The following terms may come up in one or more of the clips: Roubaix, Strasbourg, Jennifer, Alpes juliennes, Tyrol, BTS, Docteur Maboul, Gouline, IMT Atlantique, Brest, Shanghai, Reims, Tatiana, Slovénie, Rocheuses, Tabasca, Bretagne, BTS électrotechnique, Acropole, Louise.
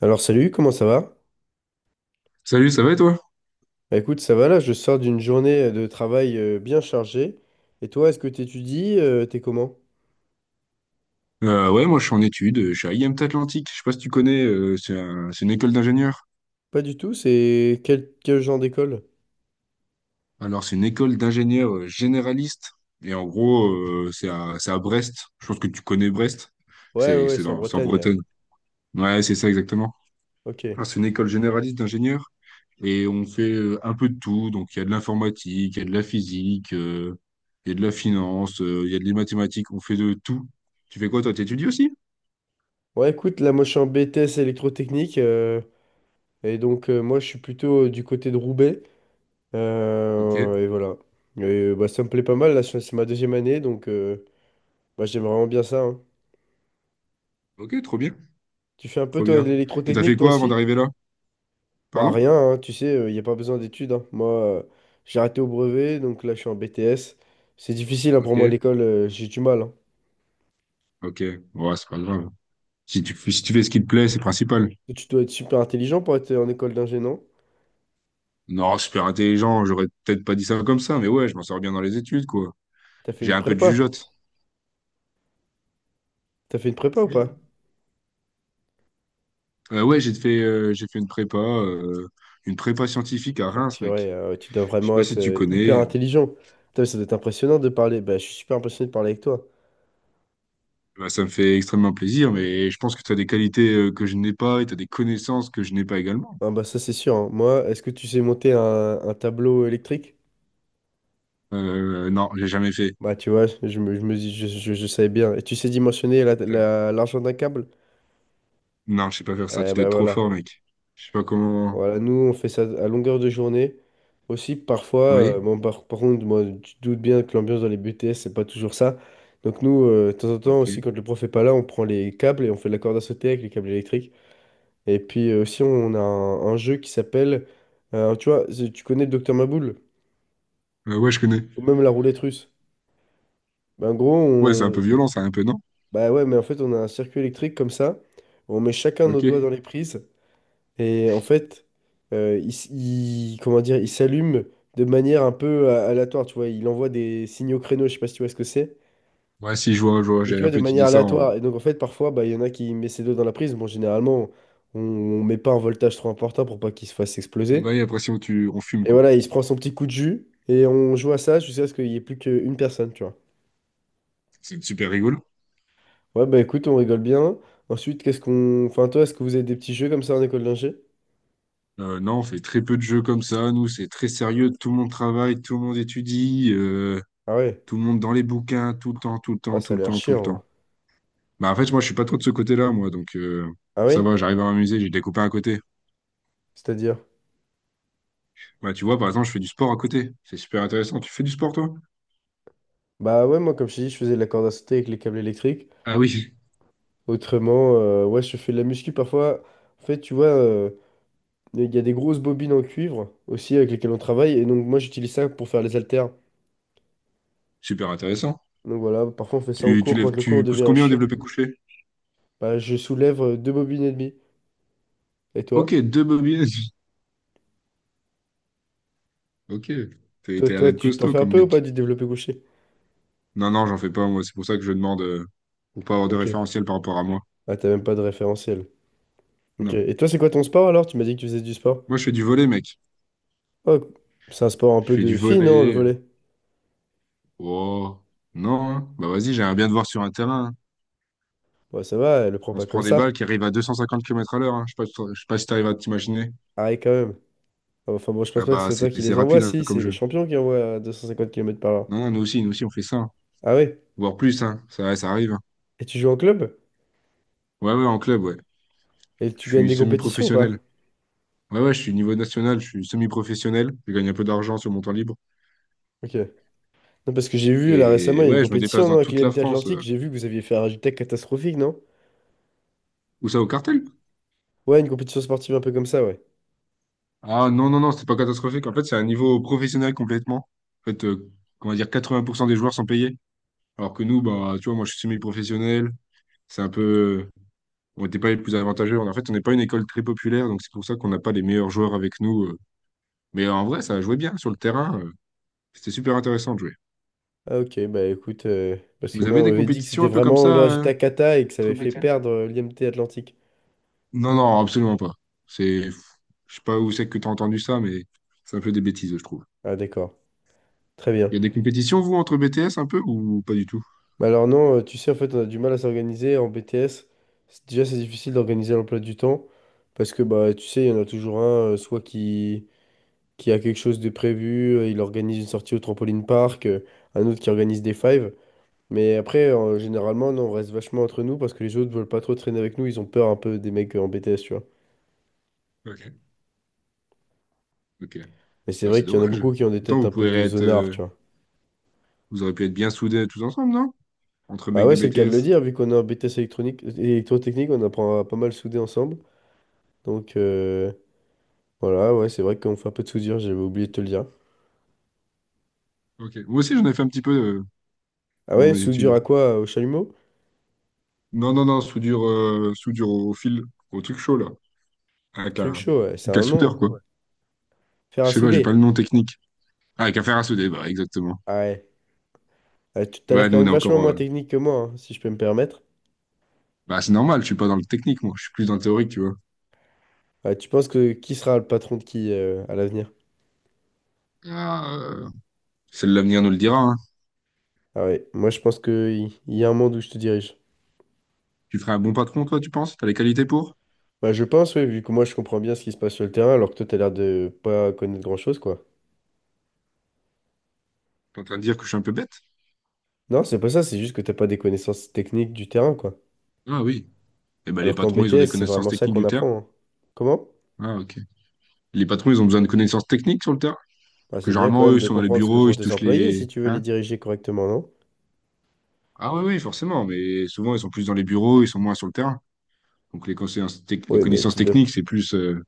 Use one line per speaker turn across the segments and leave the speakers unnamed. Alors salut, comment ça va?
Salut, ça va et toi?
Écoute, ça va là, je sors d'une journée de travail bien chargée. Et toi, est-ce que t'étudies? T'es comment?
Ouais, moi je suis en études, je suis à IMT Atlantique, je sais pas si tu connais, c'est une école d'ingénieurs.
Pas du tout, c'est quel genre d'école?
Alors c'est une école d'ingénieurs généralistes, et en gros c'est à Brest, je pense que tu connais Brest,
Ouais, ouais, ouais, c'est en
c'est en
Bretagne.
Bretagne. Ouais, c'est ça exactement.
Ok.
Alors, c'est une école généraliste d'ingénieurs, et on fait un peu de tout, donc il y a de l'informatique, il y a de la physique, il y a de la finance, il y a des mathématiques, on fait de tout. Tu fais quoi toi, t'étudies aussi?
Ouais, écoute, là, moi, je suis en BTS électrotechnique. Et donc, moi, je suis plutôt du côté de Roubaix.
Ok,
Et voilà. Et, ça me plaît pas mal, là, c'est ma 2e année, bah, j'aime vraiment bien ça, hein.
ok, trop bien,
Tu fais un
trop
peu, toi, de
bien. Et t'as fait
l'électrotechnique, toi
quoi avant
aussi?
d'arriver là?
Bah rien,
Pardon?
hein, tu sais, il n'y a pas besoin d'études, hein. Moi, euh, j'ai arrêté au brevet, donc là, je suis en BTS. C'est difficile hein, pour moi,
Ok,
l'école, j'ai du mal, hein.
ok. Ouais, c'est pas grave. Si tu fais ce qui te plaît, c'est principal.
Tu dois être super intelligent pour être en école d'ingé, non?
Non, super intelligent, j'aurais peut-être pas dit ça comme ça, mais ouais, je m'en sors bien dans les études, quoi.
T'as fait
J'ai
une
un peu de
prépa?
jugeote.
T'as fait une prépa ou
Oui.
pas?
J'ai fait une prépa scientifique à
Oh
Reims, mec.
purée, tu dois
Je sais
vraiment
pas si
être
tu
hyper
connais.
intelligent. Putain, ça doit être impressionnant de parler. Bah, je suis super impressionné de parler avec toi.
Bah, ça me fait extrêmement plaisir, mais je pense que tu as des qualités que je n'ai pas et tu as des connaissances que je n'ai pas également.
Ah bah ça, c'est sûr, hein. Moi, est-ce que tu sais monter un tableau électrique?
Non, j'ai jamais fait.
Bah tu vois, je me dis, je savais bien. Et tu sais dimensionner l'argent d'un câble?
Non, je sais pas faire ça. Tu
Eh
dois
bah
être trop
voilà.
fort, mec. Je sais pas comment.
Voilà, nous, on fait ça à longueur de journée. Aussi, parfois,
Oui?
bon, par contre, moi, tu te doutes bien que l'ambiance dans les BTS, c'est pas toujours ça. Donc, nous, de temps en temps,
Ok.
aussi, quand le prof est pas là, on prend les câbles et on fait de la corde à sauter avec les câbles électriques. Et puis, aussi, on a un jeu qui s'appelle, tu vois, tu connais le Docteur Maboul,
Ouais, je connais.
ou même la roulette russe. Ben, en gros,
Ouais, c'est un peu
on...
violent, ça, un peu, non?
Bah ouais, mais en fait, on a un circuit électrique comme ça. On met chacun nos doigts dans
Ok.
les prises. Et en fait, comment dire, il s'allume de manière un peu aléatoire, tu vois. Il envoie des signaux créneaux, je sais pas si tu vois ce que c'est,
Ouais, si, je vois,
mais
j'ai
tu
un
vois, de
peu idée
manière
ça
aléatoire.
en.
Et donc, en fait, parfois, bah, il y en a qui mettent ses doigts dans la prise. Bon, généralement, on met pas un voltage trop important pour pas qu'il se fasse exploser.
Ouais, après, si on, tu... on fume,
Et
quoi.
voilà, il se prend son petit coup de jus et on joue à ça jusqu'à ce qu'il y ait plus qu'une personne, tu vois.
C'est super rigolo.
Ouais, bah écoute, on rigole bien. Ensuite, qu'est-ce qu'on... Enfin, toi, est-ce que vous avez des petits jeux comme ça en école d'ingé?
Non, on fait très peu de jeux comme ça. Nous, c'est très sérieux. Tout le monde travaille, tout le monde étudie,
Ah ouais?
tout le monde dans les bouquins, tout le temps, tout le
Ah,
temps,
ça
tout
a
le
l'air
temps, tout le
chiant, hein.
temps. Bah, en fait, moi, je suis pas trop de ce côté-là, moi.
Ah
Ça
oui?
va, j'arrive à m'amuser. J'ai des copains à côté.
C'est-à-dire?
Bah, tu vois, par exemple, je fais du sport à côté. C'est super intéressant. Tu fais du sport, toi?
Bah ouais, moi, comme je t'ai dit, je faisais de la corde à sauter avec les câbles électriques.
Ah oui.
Autrement, ouais, je fais de la muscu parfois. En fait, tu vois, il y a des grosses bobines en cuivre aussi avec lesquelles on travaille. Et donc, moi, j'utilise ça pour faire les haltères.
Super intéressant.
Donc voilà, parfois, on fait ça en
Tu
cours.
lèves,
Quand le cours
tu pousses
devient
combien au
chiant,
développé couché?
bah, je soulève 2 bobines et demie. Et
Ok,
toi?
deux bobines. Ok. T'as
Toi,
l'air d'être
tu t'en
costaud
fais un
comme
peu ou pas
mec.
du développé couché?
Non, non, j'en fais pas, moi. C'est pour ça que je demande, pour pas avoir de
Ok.
référentiel par rapport à moi.
Ah, t'as même pas de référentiel. Ok.
Non.
Et toi, c'est quoi ton sport alors? Tu m'as dit que tu faisais du sport.
Moi, je fais du volley, mec.
Oh, c'est un sport un
Je
peu
fais du
de fille, non, le
volley.
volley?
Oh. Non, hein. Bah, vas-y, j'aimerais bien te voir sur un terrain, hein.
Ouais, ça va, elle le prend
On se
pas
prend
comme
des balles
ça.
qui arrivent à 250 km à l'heure, hein. Je sais pas si t'arrives à t'imaginer.
Arrête quand même. Ah, enfin bon, je pense
Ah
pas que ce
bah,
soit
c'est
toi qui
c'est
les envoie,
rapide, hein,
si,
comme
c'est les
jeu.
champions qui envoient à 250 km par heure.
Non, non, nous aussi, on fait ça, hein.
Ah ouais?
Voire plus, hein. Ça, ouais, ça arrive, hein.
Et tu joues en club?
Ouais, ouais, en club, ouais.
Et
Je
tu gagnes
suis
des compétitions ou pas?
semi-professionnel. Ouais, ouais, je suis niveau national, je suis semi-professionnel. Je gagne un peu d'argent sur mon temps libre.
Ok. Non, parce que j'ai vu là récemment,
Et
il y a une
ouais, je me déplace
compétition,
dans
non, avec
toute la
l'IMT
France.
Atlantique, j'ai vu que vous aviez fait un résultat catastrophique, non?
Où ça, au cartel?
Ouais, une compétition sportive un peu comme ça, ouais.
Ah non, non, non, c'est pas catastrophique. En fait, c'est un niveau professionnel complètement. En fait, on va dire 80% des joueurs sont payés. Alors que nous, bah, tu vois, moi, je suis semi-professionnel. C'est un peu. On n'était pas les plus avantageux. En fait, on n'est pas une école très populaire, donc c'est pour ça qu'on n'a pas les meilleurs joueurs avec nous. Mais en vrai, ça a joué bien sur le terrain. C'était super intéressant de jouer.
Ah ok, bah écoute, parce que
Vous
moi
avez
on
des
m'avait dit que
compétitions
c'était
un peu comme
vraiment le
ça,
résultat cata et que ça
entre
avait
Ok.
fait
bêtises?
perdre l'IMT Atlantique.
Non, non, absolument pas. C'est, je sais pas où c'est que tu as entendu ça, mais c'est un peu des bêtises, je trouve.
Ah d'accord, très bien.
Il y a des compétitions, vous, entre BTS un peu ou pas du tout?
Bah alors non, tu sais, en fait, on a du mal à s'organiser en BTS. Déjà, c'est difficile d'organiser l'emploi du temps parce que, bah, tu sais, il y en a toujours un, qui a quelque chose de prévu, il organise une sortie au trampoline park, un autre qui organise des fives. Mais après, généralement, non, on reste vachement entre nous parce que les autres veulent pas trop traîner avec nous, ils ont peur un peu des mecs en BTS, tu vois.
Ok. Ok.
Mais c'est
Là, c'est
vrai qu'il y en a
dommage.
beaucoup qui ont des
Pourtant,
têtes
vous
un peu
pourriez
de
être,
zonards,
euh,
tu vois.
vous auriez pu être bien soudés tous ensemble, non? Entre
Bah
mecs de
ouais, c'est le cas de le
BTS.
dire, vu qu'on est en BTS électronique, électrotechnique, on apprend à pas mal souder ensemble. Donc... voilà, ouais, c'est vrai qu'on fait un peu de soudure, j'avais oublié de te le dire.
Ok. Moi aussi, j'en ai fait un petit peu euh,
Ah
dans
ouais,
mes
soudure
études.
à quoi? Au chalumeau?
Non, non, non, soudure au fil, au truc chaud, là. Avec
Truc
un,
chaud, ouais, c'est
avec un
un nom, ouais.
soudeur, quoi. Ouais.
Faire
Je
à
sais pas, j'ai pas le
souder.
nom technique. Ah, avec un fer à souder, bah, exactement.
Ah ouais. Ah, tu t'as l'air
Ouais,
quand
nous, on
même
est
vachement
encore.
moins technique que moi, hein, si je peux me permettre.
Bah, c'est normal, je suis pas dans le technique, moi. Je suis plus dans le théorique, tu vois.
Ah, tu penses que qui sera le patron de qui à l'avenir?
Ah, euh, c'est l'avenir nous le dira, hein.
Ah ouais, moi je pense que a un monde où je te dirige.
Tu ferais un bon patron, toi, tu penses? T'as les qualités pour?
Bah je pense, ouais, vu que moi je comprends bien ce qui se passe sur le terrain, alors que toi t'as l'air de pas connaître grand-chose, quoi.
T'es en train de dire que je suis un peu bête?
Non, c'est pas ça, c'est juste que t'as pas des connaissances techniques du terrain, quoi.
Ah oui. Eh ben, les
Alors qu'en
patrons, ils ont des
BTS, c'est
connaissances
vraiment ça
techniques
qu'on
du terrain.
apprend, hein. Comment?
Ah, ok. Les patrons, ils ont besoin de connaissances techniques sur le terrain. Parce
Ah,
que
c'est bien quand
généralement, eux,
même
ils
de
sont dans les
comprendre ce que
bureaux, ils
font
se
tes
touchent
employés
les.
si tu veux les
Hein?
diriger correctement, non?
Ah oui, oui, forcément, mais souvent, ils sont plus dans les bureaux, ils sont moins sur le terrain. Donc les
Oui, mais
connaissances
tu dois...
techniques, c'est plus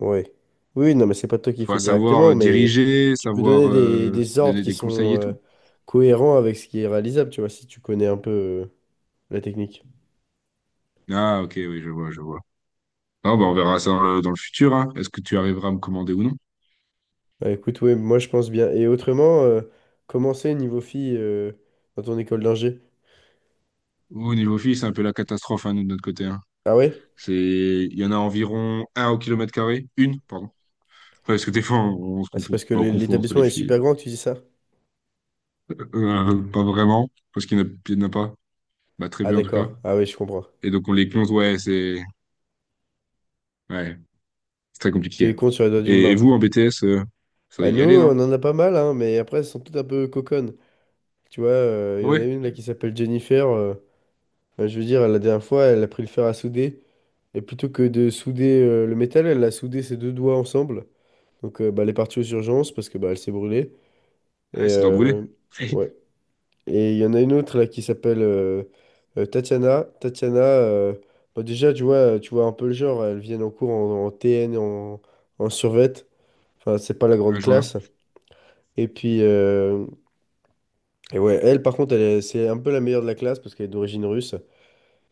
Ouais. Oui, non, mais c'est pas toi qui
faut
fais
savoir
directement, mais
diriger,
tu peux
savoir
donner des ordres
donner
qui
des conseils
sont
et tout.
cohérents avec ce qui est réalisable, tu vois, si tu connais un peu la technique.
Ah ok, oui, je vois, je vois. Non bah, on verra ça dans le futur, hein. Est-ce que tu arriveras à me commander ou non?
Bah, écoute, oui, moi je pense bien. Et autrement, comment c'est niveau filles dans ton école d'ingé?
Au niveau fille, c'est un peu la catastrophe hein, nous, de notre côté, hein.
Ah ouais?
C'est, il y en a environ un au kilomètre carré, une, pardon. Ouais, parce que des fois, on se
Ah, c'est
confond.
parce que
Bah, on confond entre les
l'établissement est
filles,
super
quoi.
grand que tu dis ça?
Pas vraiment, parce qu'il n'y en a, il y en a pas. Bah, très
Ah
peu en tout cas.
d'accord, ah oui, je comprends.
Et donc on les compte, ouais, c'est, ouais, c'est très
Tu
compliqué.
les comptes sur les doigts d'une
Et
main.
vous, en BTS, ça doit
Bah
y
nous,
aller,
on
non?
en a pas mal, hein, mais après, elles sont toutes un peu coconnes. Tu vois, il y en a
Oui,
une là qui s'appelle Jennifer. Je veux dire, la dernière fois, elle a pris le fer à souder. Et plutôt que de souder le métal, elle a soudé ses deux doigts ensemble. Donc bah, elle est partie aux urgences parce que bah, elle s'est brûlée. Et
ça doit brûler.
ouais. Et il y en a une autre là qui s'appelle Tatiana. Tatiana, bah, déjà, tu vois un peu le genre. Elles viennent en cours en TN, en, en survêt. Enfin, c'est pas la
Ouais,
grande
je vois.
classe. Et puis, et ouais, par contre, c'est un peu la meilleure de la classe parce qu'elle est d'origine russe.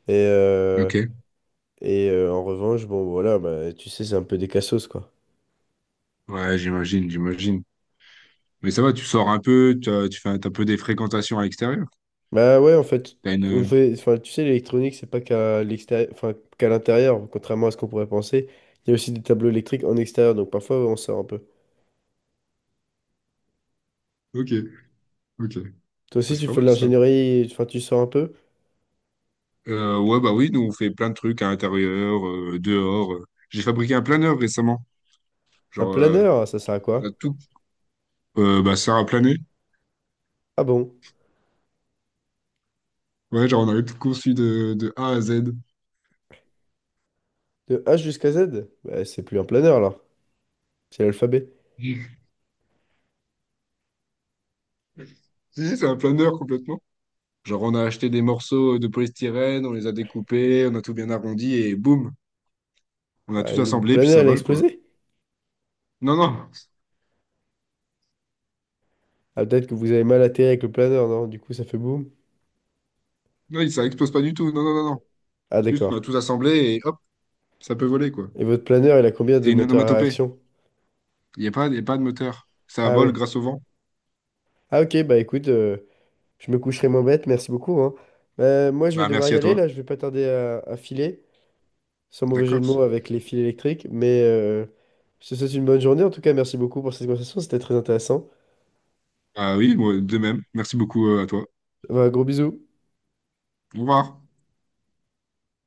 Et, euh,
Ok.
et en revanche, bon, voilà, bah, tu sais, c'est un peu des cassos, quoi.
Ouais, j'imagine, j'imagine. Mais ça va, tu fais un, t'as un peu des fréquentations à l'extérieur.
Bah ouais, en fait,
T'as
on
une...
fait, enfin, tu sais, l'électronique, c'est pas qu'à l'extérieur, enfin, qu'à l'intérieur, contrairement à ce qu'on pourrait penser. Il y a aussi des tableaux électriques en extérieur, donc parfois, on sort un peu.
Ok, ok.
Toi
Bah,
aussi,
c'est
tu
pas
fais de
mal, ça.
l'ingénierie, enfin, tu sors un peu.
Ouais, bah oui, nous, on fait plein de trucs à l'intérieur, dehors. J'ai fabriqué un planeur récemment.
Un
Genre, euh,
planeur, ça sert à
on a
quoi?
tout... bah, ça a plané.
Ah bon?
Ouais, genre, on a tout conçu de A à Z.
De H jusqu'à Z? Bah, c'est plus un planeur, alors. C'est l'alphabet.
Si, c'est un planeur, complètement. Genre, on a acheté des morceaux de polystyrène, on les a découpés, on a tout bien arrondi et boum, on a
Bah,
tout
le
assemblé, puis
planeur,
ça
il a
vole, quoi.
explosé.
Non, non,
Ah, peut-être que vous avez mal atterri avec le planeur, non? Du coup, ça fait boum.
non, ça explose pas du tout. Non, non, non, non.
Ah,
Juste, on a
d'accord.
tout assemblé et hop, ça peut voler, quoi.
Et votre planeur, il a combien
C'est
de
une
moteurs à
onomatopée.
réaction?
Il y a pas de moteur. Ça
Ah
vole
oui.
grâce au vent.
Ah ok, bah écoute, je me coucherai moins bête, merci beaucoup, hein. Moi je vais
Bah,
devoir
merci
y
à
aller
toi.
là, je vais pas tarder à filer, sans mauvais jeu de
D'accord.
mots avec les fils électriques, mais je te souhaite une bonne journée en tout cas, merci beaucoup pour cette conversation, c'était très intéressant.
Ah oui, moi, de même. Merci beaucoup, à toi.
Bah, gros bisous.
Au revoir.